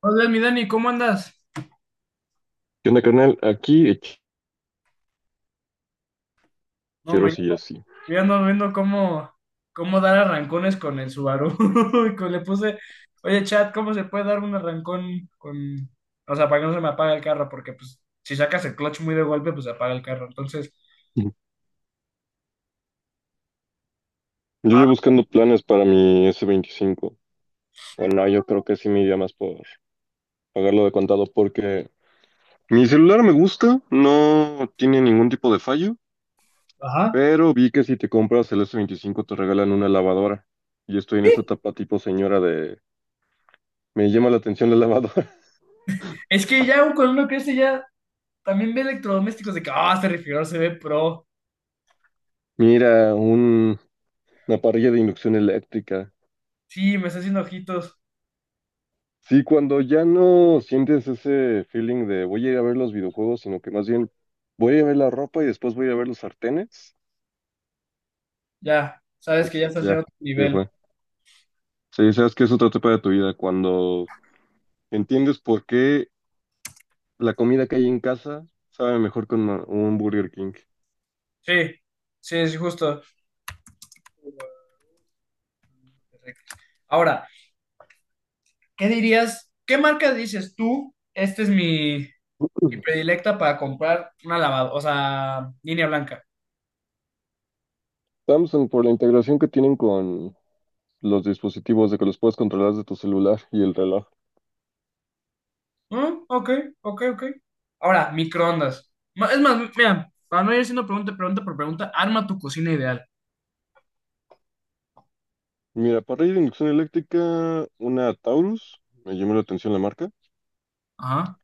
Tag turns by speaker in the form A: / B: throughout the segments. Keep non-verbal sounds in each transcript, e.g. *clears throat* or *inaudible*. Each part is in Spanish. A: Hola, mi Dani, ¿cómo andas?
B: ¿Qué onda, carnal? Aquí
A: No,
B: quiero
A: me
B: seguir así.
A: ya ando viendo cómo dar arrancones con el Subaru. *laughs* Le puse, oye, chat, ¿cómo se puede dar un arrancón o sea, para que no se me apague el carro? Porque, pues, si sacas el clutch muy de golpe, pues se apaga el carro.
B: *laughs* Yo
A: Ah,
B: llevo buscando planes para mi S25. Bueno, yo creo que sí me iría más por pagarlo de contado porque mi celular me gusta, no tiene ningún tipo de fallo,
A: ajá.
B: pero vi que si te compras el S25 te regalan una lavadora. Y estoy en esa etapa tipo señora de... Me llama la atención la lavadora.
A: Es que ya cuando uno crece, ya también ve electrodomésticos de que, este refrigerador se ve pro.
B: *laughs* Mira, una parrilla de inducción eléctrica.
A: Sí, me está haciendo ojitos.
B: Sí, cuando ya no sientes ese feeling de voy a ir a ver los videojuegos, sino que más bien voy a ir a ver la ropa y después voy a ir a ver los sartenes,
A: Ya, sabes que
B: pues
A: ya estás en
B: ya,
A: otro
B: ya
A: nivel.
B: fue. Sí, sabes que es otra etapa de tu vida, cuando entiendes por qué la comida que hay en casa sabe mejor con un Burger King.
A: Sí, sí, es justo. Ahora, ¿qué dirías? ¿Qué marca dices tú? Esta es mi predilecta para comprar una lavadora, o sea, línea blanca.
B: Samsung, por la integración que tienen con los dispositivos de que los puedes controlar desde tu celular y el reloj.
A: Ah, ok, ok. Ahora, microondas. Es más, mira, para no ir haciendo pregunta, pregunta por pregunta, arma tu cocina ideal.
B: Mira, parrilla de inducción eléctrica, una Taurus, me llamó la atención la marca.
A: Ajá,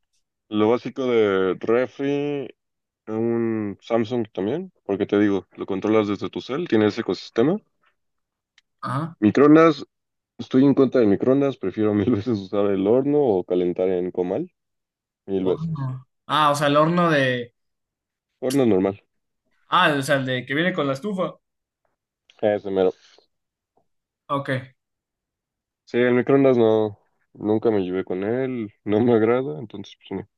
B: Lo básico de refri, un Samsung también, porque te digo, lo controlas desde tu cel, tiene ese ecosistema.
A: ajá.
B: Microondas, estoy en contra de microondas, prefiero mil *laughs* veces usar el horno o calentar en comal, mil veces.
A: Horno. Ah, o sea, el horno de.
B: Horno normal,
A: Ah, o sea, el de que viene con la estufa.
B: ese mero.
A: Ok.
B: Sí, el microondas no, nunca me llevé con él, no me agrada, entonces pues no.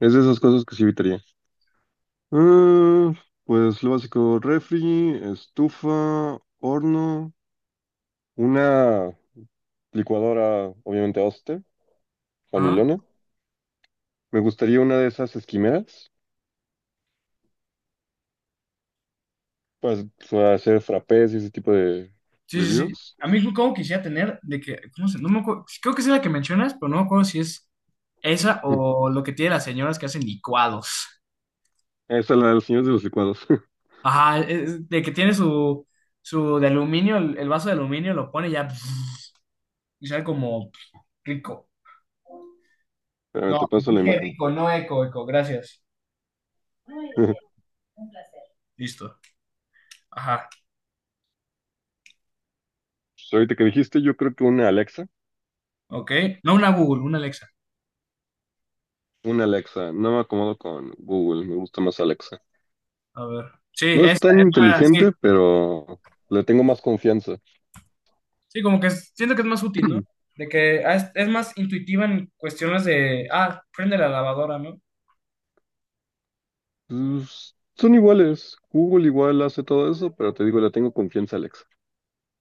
B: Es de esas cosas que sí evitaría. Ah, pues lo básico, refri, estufa, horno, una licuadora, obviamente,
A: Ajá.
B: familona. Me gustaría una de esas esquimeras pues, para hacer frappés y ese tipo de
A: Sí.
B: bebidas.
A: A mí como quisiera tener de que, no me acuerdo, creo que es la que mencionas, pero no me acuerdo si es esa
B: *clears throat* Mm.
A: o lo que tiene las señoras que hacen licuados.
B: Esa es la de los señores de los licuados. *laughs*
A: Ajá, de que tiene su de aluminio, el vaso de aluminio, lo pone y ya *laughs* y sabe como rico.
B: Espérame,
A: No,
B: te paso la
A: dije
B: imagen.
A: rico, no eco, eco, gracias.
B: *laughs*
A: Listo. Ajá,
B: Pues, ahorita que dijiste, yo creo que una Alexa.
A: ok. No una Google, una Alexa.
B: Una Alexa. No me acomodo con Google. Me gusta más Alexa.
A: A ver. Sí,
B: No es
A: esa,
B: tan
A: esa, sí.
B: inteligente, pero le tengo más confianza.
A: Siento que es más útil, ¿no?
B: *clears throat*
A: De que es más intuitiva en cuestiones de, prende la lavadora, ¿no?
B: Pues, son iguales. Google igual hace todo eso, pero te digo, le tengo confianza a Alexa.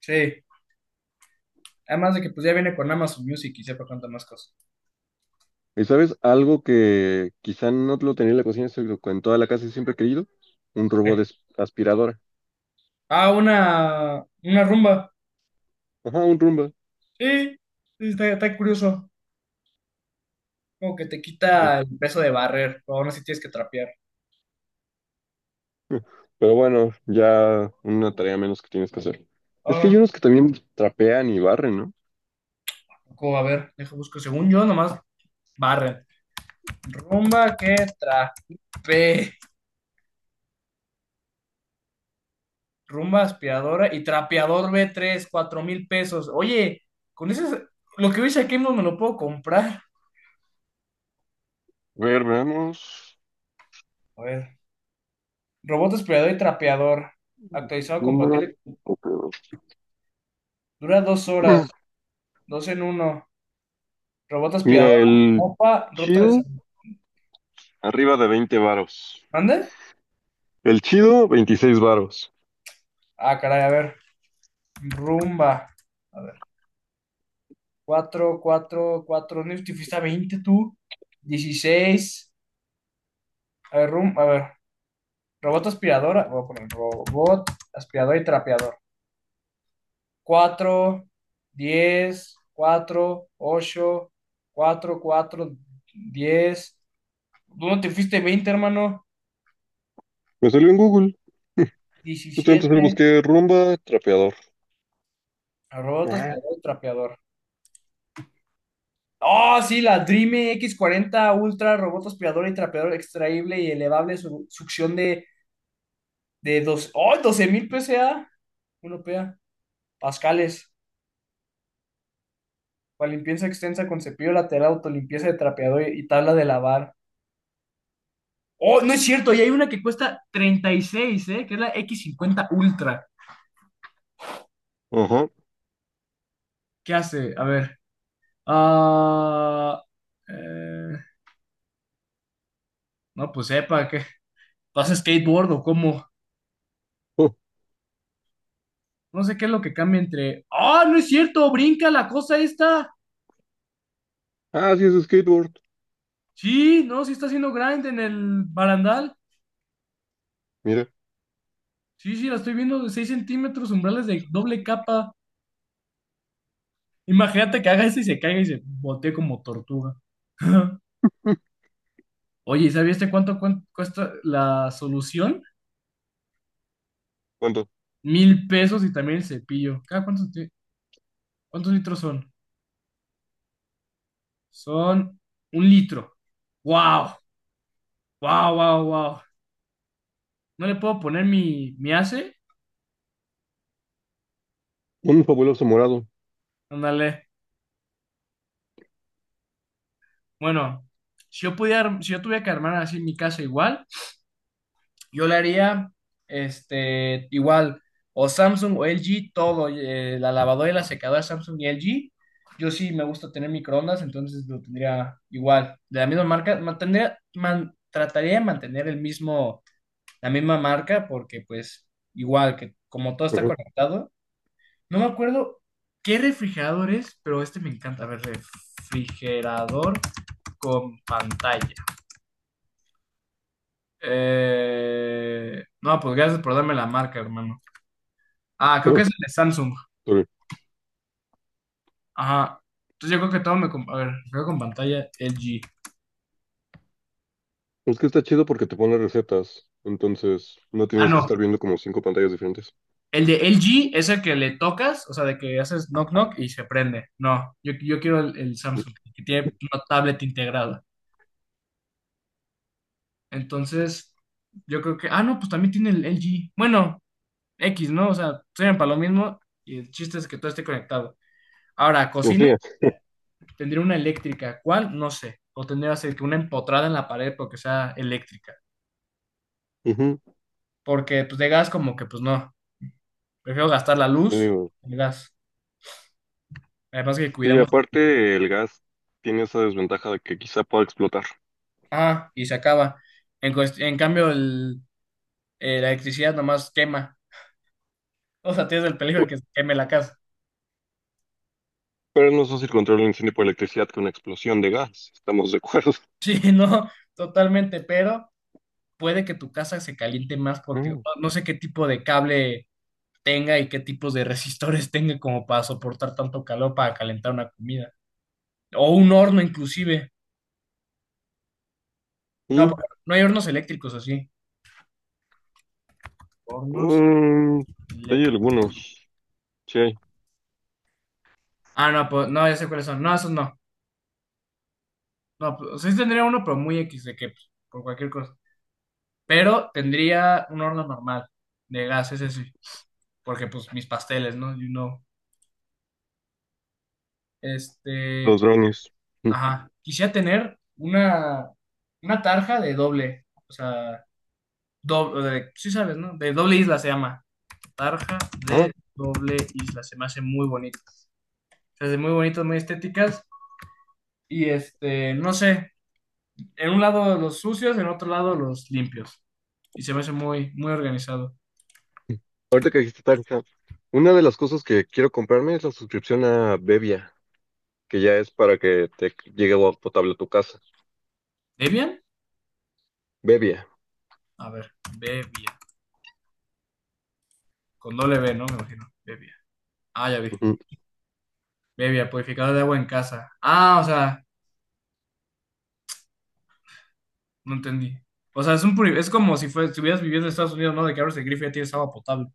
A: Sí. Además de que pues ya viene con Amazon Music y sepa cuántas más cosas.
B: ¿Y sabes algo que quizá no lo tenía en la cocina, sino que en toda la casa siempre he querido? Un robot
A: Sí.
B: de aspiradora.
A: Ah, una rumba.
B: Ajá, un Roomba.
A: Sí, sí, está curioso. Como que te
B: Sí.
A: quita el peso de barrer, pero aún así tienes que trapear.
B: *laughs* Pero bueno, ya una tarea menos que tienes que hacer. Es que
A: Ah,
B: hay unos que también trapean y barren, ¿no?
A: cómo, a ver, dejo busco. Según yo, nomás barren. Rumba que trapea. Rumba aspiradora y trapeador b 3000 a 4000 pesos. Oye, con eso lo que veis aquí no me lo puedo comprar.
B: A ver, veamos.
A: A ver, robot aspirador y trapeador, actualizado compatible.
B: Número-
A: Dura 2 horas,
B: *clears throat*
A: dos en uno. Robot
B: Mira,
A: aspirador,
B: el
A: mopa, ruta de
B: chido,
A: sal-
B: arriba de 20 varos.
A: ¿Mande?
B: El chido, 26 varos.
A: Ah, caray, a ver. Rumba. A ver. Cuatro, cuatro, cuatro. ¿No te fuiste a 20 tú? 16. A ver, rum, a ver. Robot aspiradora. Voy a poner robot aspirador y trapeador. Cuatro, diez, cuatro, ocho, cuatro, cuatro, diez. ¿Dónde te fuiste 20, hermano?
B: Me salió en Google. Justamente solo
A: 17.
B: busqué rumba, trapeador.
A: Robot
B: Ah,
A: aspirador y trapeador. Oh, sí, la Dream x 40 Ultra, robot aspirador y trapeador extraíble y elevable, succión de dos, oh, 12000 PSA, uno PA, pascales, para limpieza extensa con cepillo lateral, autolimpieza de trapeador y tabla de lavar. Oh, no es cierto, y hay una que cuesta 36, ¿eh? Que es la x 50 Ultra.
B: ajá.
A: ¿Qué hace? A ver. Ah, eh, no, pues sepa, ¿qué? ¿Pasa a skateboard o cómo?
B: Oh,
A: No sé qué es lo que cambia entre. ¡Ah, no es cierto! ¡Brinca la cosa esta!
B: ah, sí, es skateboard.
A: Sí, no, sí está haciendo grind en el barandal.
B: Mira,
A: Sí, sí, la estoy viendo de 6 centímetros, umbrales de doble capa. Imagínate que haga eso y se caiga y se botee como tortuga. *laughs* Oye, ¿y ¿sabías este cuesta la solución?
B: cuánto.
A: 1000 pesos y también el cepillo. ¿Cuántos litros son? Son un litro. ¡Wow! ¡Wow, wow, wow! ¿No le puedo poner mi ACE?
B: Un fabuloso morado.
A: Ándale. Bueno, si yo tuviera que armar así mi casa igual, yo le haría este, igual, o Samsung o LG, todo, la lavadora y la secadora Samsung y LG. Yo sí me gusta tener microondas, entonces lo tendría igual, de la misma marca. Trataría de mantener el mismo, la misma marca, porque pues igual que como todo está
B: Ajá.
A: conectado, no me acuerdo qué refrigerador es, pero este me encanta. A ver, refrigerador con pantalla. No, pues gracias por darme la marca, hermano. Ah, creo
B: Ah,
A: que es el de Samsung.
B: ok.
A: Ajá. Entonces yo creo que todo me... a ver, creo con pantalla LG.
B: Es que está chido porque te pone recetas. Entonces, no
A: Ah,
B: tienes que
A: no.
B: estar viendo como cinco pantallas diferentes.
A: El de LG es el que le tocas, o sea, de que haces knock knock y se prende. No, yo quiero el Samsung, que tiene una tablet integrada. Entonces, yo creo que, ah, no, pues también tiene el LG. Bueno, X, ¿no? O sea, sirven para lo mismo y el chiste es que todo esté conectado. Ahora,
B: Y
A: cocina,
B: enfría.
A: tendría una eléctrica. ¿Cuál? No sé. O tendría así que una empotrada en la pared porque sea eléctrica.
B: Ujú,
A: Porque, pues, de gas como que, pues, no. Prefiero gastar la
B: te
A: luz,
B: digo.
A: el gas. Además que
B: Sí,
A: cuidamos,
B: aparte, el gas tiene esa desventaja de que quizá pueda explotar.
A: ah, y se acaba. En, en cambio, la electricidad nomás quema. O sea, tienes el peligro de que se queme la casa.
B: Pero es más fácil controlar un incendio por electricidad que una explosión de gas. Estamos de acuerdo.
A: *laughs* Sí, no, totalmente, pero puede que tu casa se caliente más porque
B: Mm.
A: no sé qué tipo de cable tenga y qué tipos de resistores *laughs* tenga como para soportar tanto calor para calentar una comida. O un horno inclusive. No,
B: Mm,
A: porque no hay hornos eléctricos así. Hornos
B: mm, sí, hay
A: eléctricos.
B: algunos. Sí hay.
A: Ah, no, pues no, ya sé cuáles son. No, esos no. No, pues, sí tendría uno, pero muy X de que pues, por cualquier cosa. Pero tendría un horno normal de gas, ese sí. Porque pues mis pasteles, ¿no? You know.
B: Los
A: Este,
B: drones. Mm.
A: ajá. Quisiera tener una tarja de doble. O sea, doble, sí sabes, ¿no? De doble isla se llama. Tarja
B: Ah,
A: de doble isla. Se me hace muy bonito. Se hace muy bonitas, muy estéticas. Y este, no sé. En un lado los sucios, en otro lado los limpios. Y se me hace muy, muy organizado.
B: ahorita que dijiste Tanjab, una de las cosas que quiero comprarme es la suscripción a Bebia, que ya es para que te llegue agua potable a tu casa.
A: ¿Debian?
B: Bebia.
A: A ver, Bebia. Con doble B, ¿no? Me imagino. Bebia. Ah, ya vi.
B: Ujú.
A: Bebia, purificador de agua en casa. Ah, o sea. No entendí. O sea, es como si fue, estuvieras viviendo en Estados Unidos, ¿no? De que abres el grifo y ya tienes agua potable.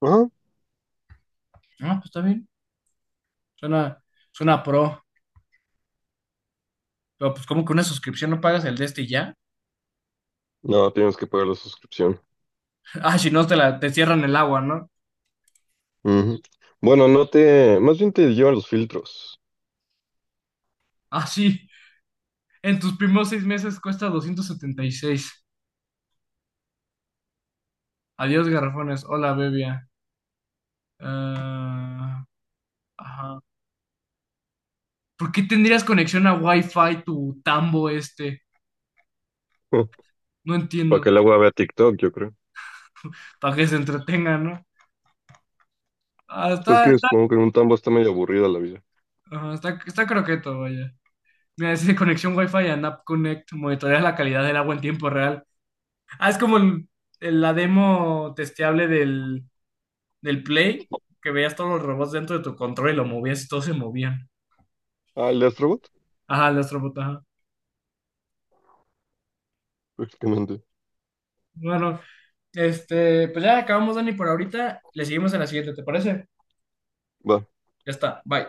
B: Ajá.
A: Ah, pues está bien. Suena, suena pro. Pero pues como que una suscripción no pagas el de este y ya.
B: No, tienes que pagar la suscripción.
A: *laughs* Ah, si no te la, te cierran el agua, ¿no?
B: Ujú. Bueno, no te, más bien te llevan los filtros.
A: Ah, sí. En tus primeros 6 meses cuesta 276. Adiós, garrafones. Hola, bebia. Ah, ajá. ¿Por qué tendrías conexión a Wi-Fi tu tambo este?
B: *laughs*
A: No
B: Para que
A: entiendo.
B: el agua vea TikTok, yo creo.
A: Para que se entretenga, ¿no? Ah,
B: Pues es
A: está,
B: que
A: está,
B: supongo que en un tambo está medio aburrida la vida.
A: ajá, está croqueto, vaya. Mira, es de conexión Wi-Fi and App Connect monitorea la calidad del agua en tiempo real. Ah, es como la demo testeable del Play, que veías todos los robots dentro de tu control y lo movías y todos se movían.
B: Ah, el de Astrobot,
A: Ajá, el Astrobot, ajá.
B: prácticamente.
A: Bueno, este, pues ya acabamos, Dani, por ahorita. Le seguimos en la siguiente, ¿te parece?
B: Va.
A: Ya está, bye.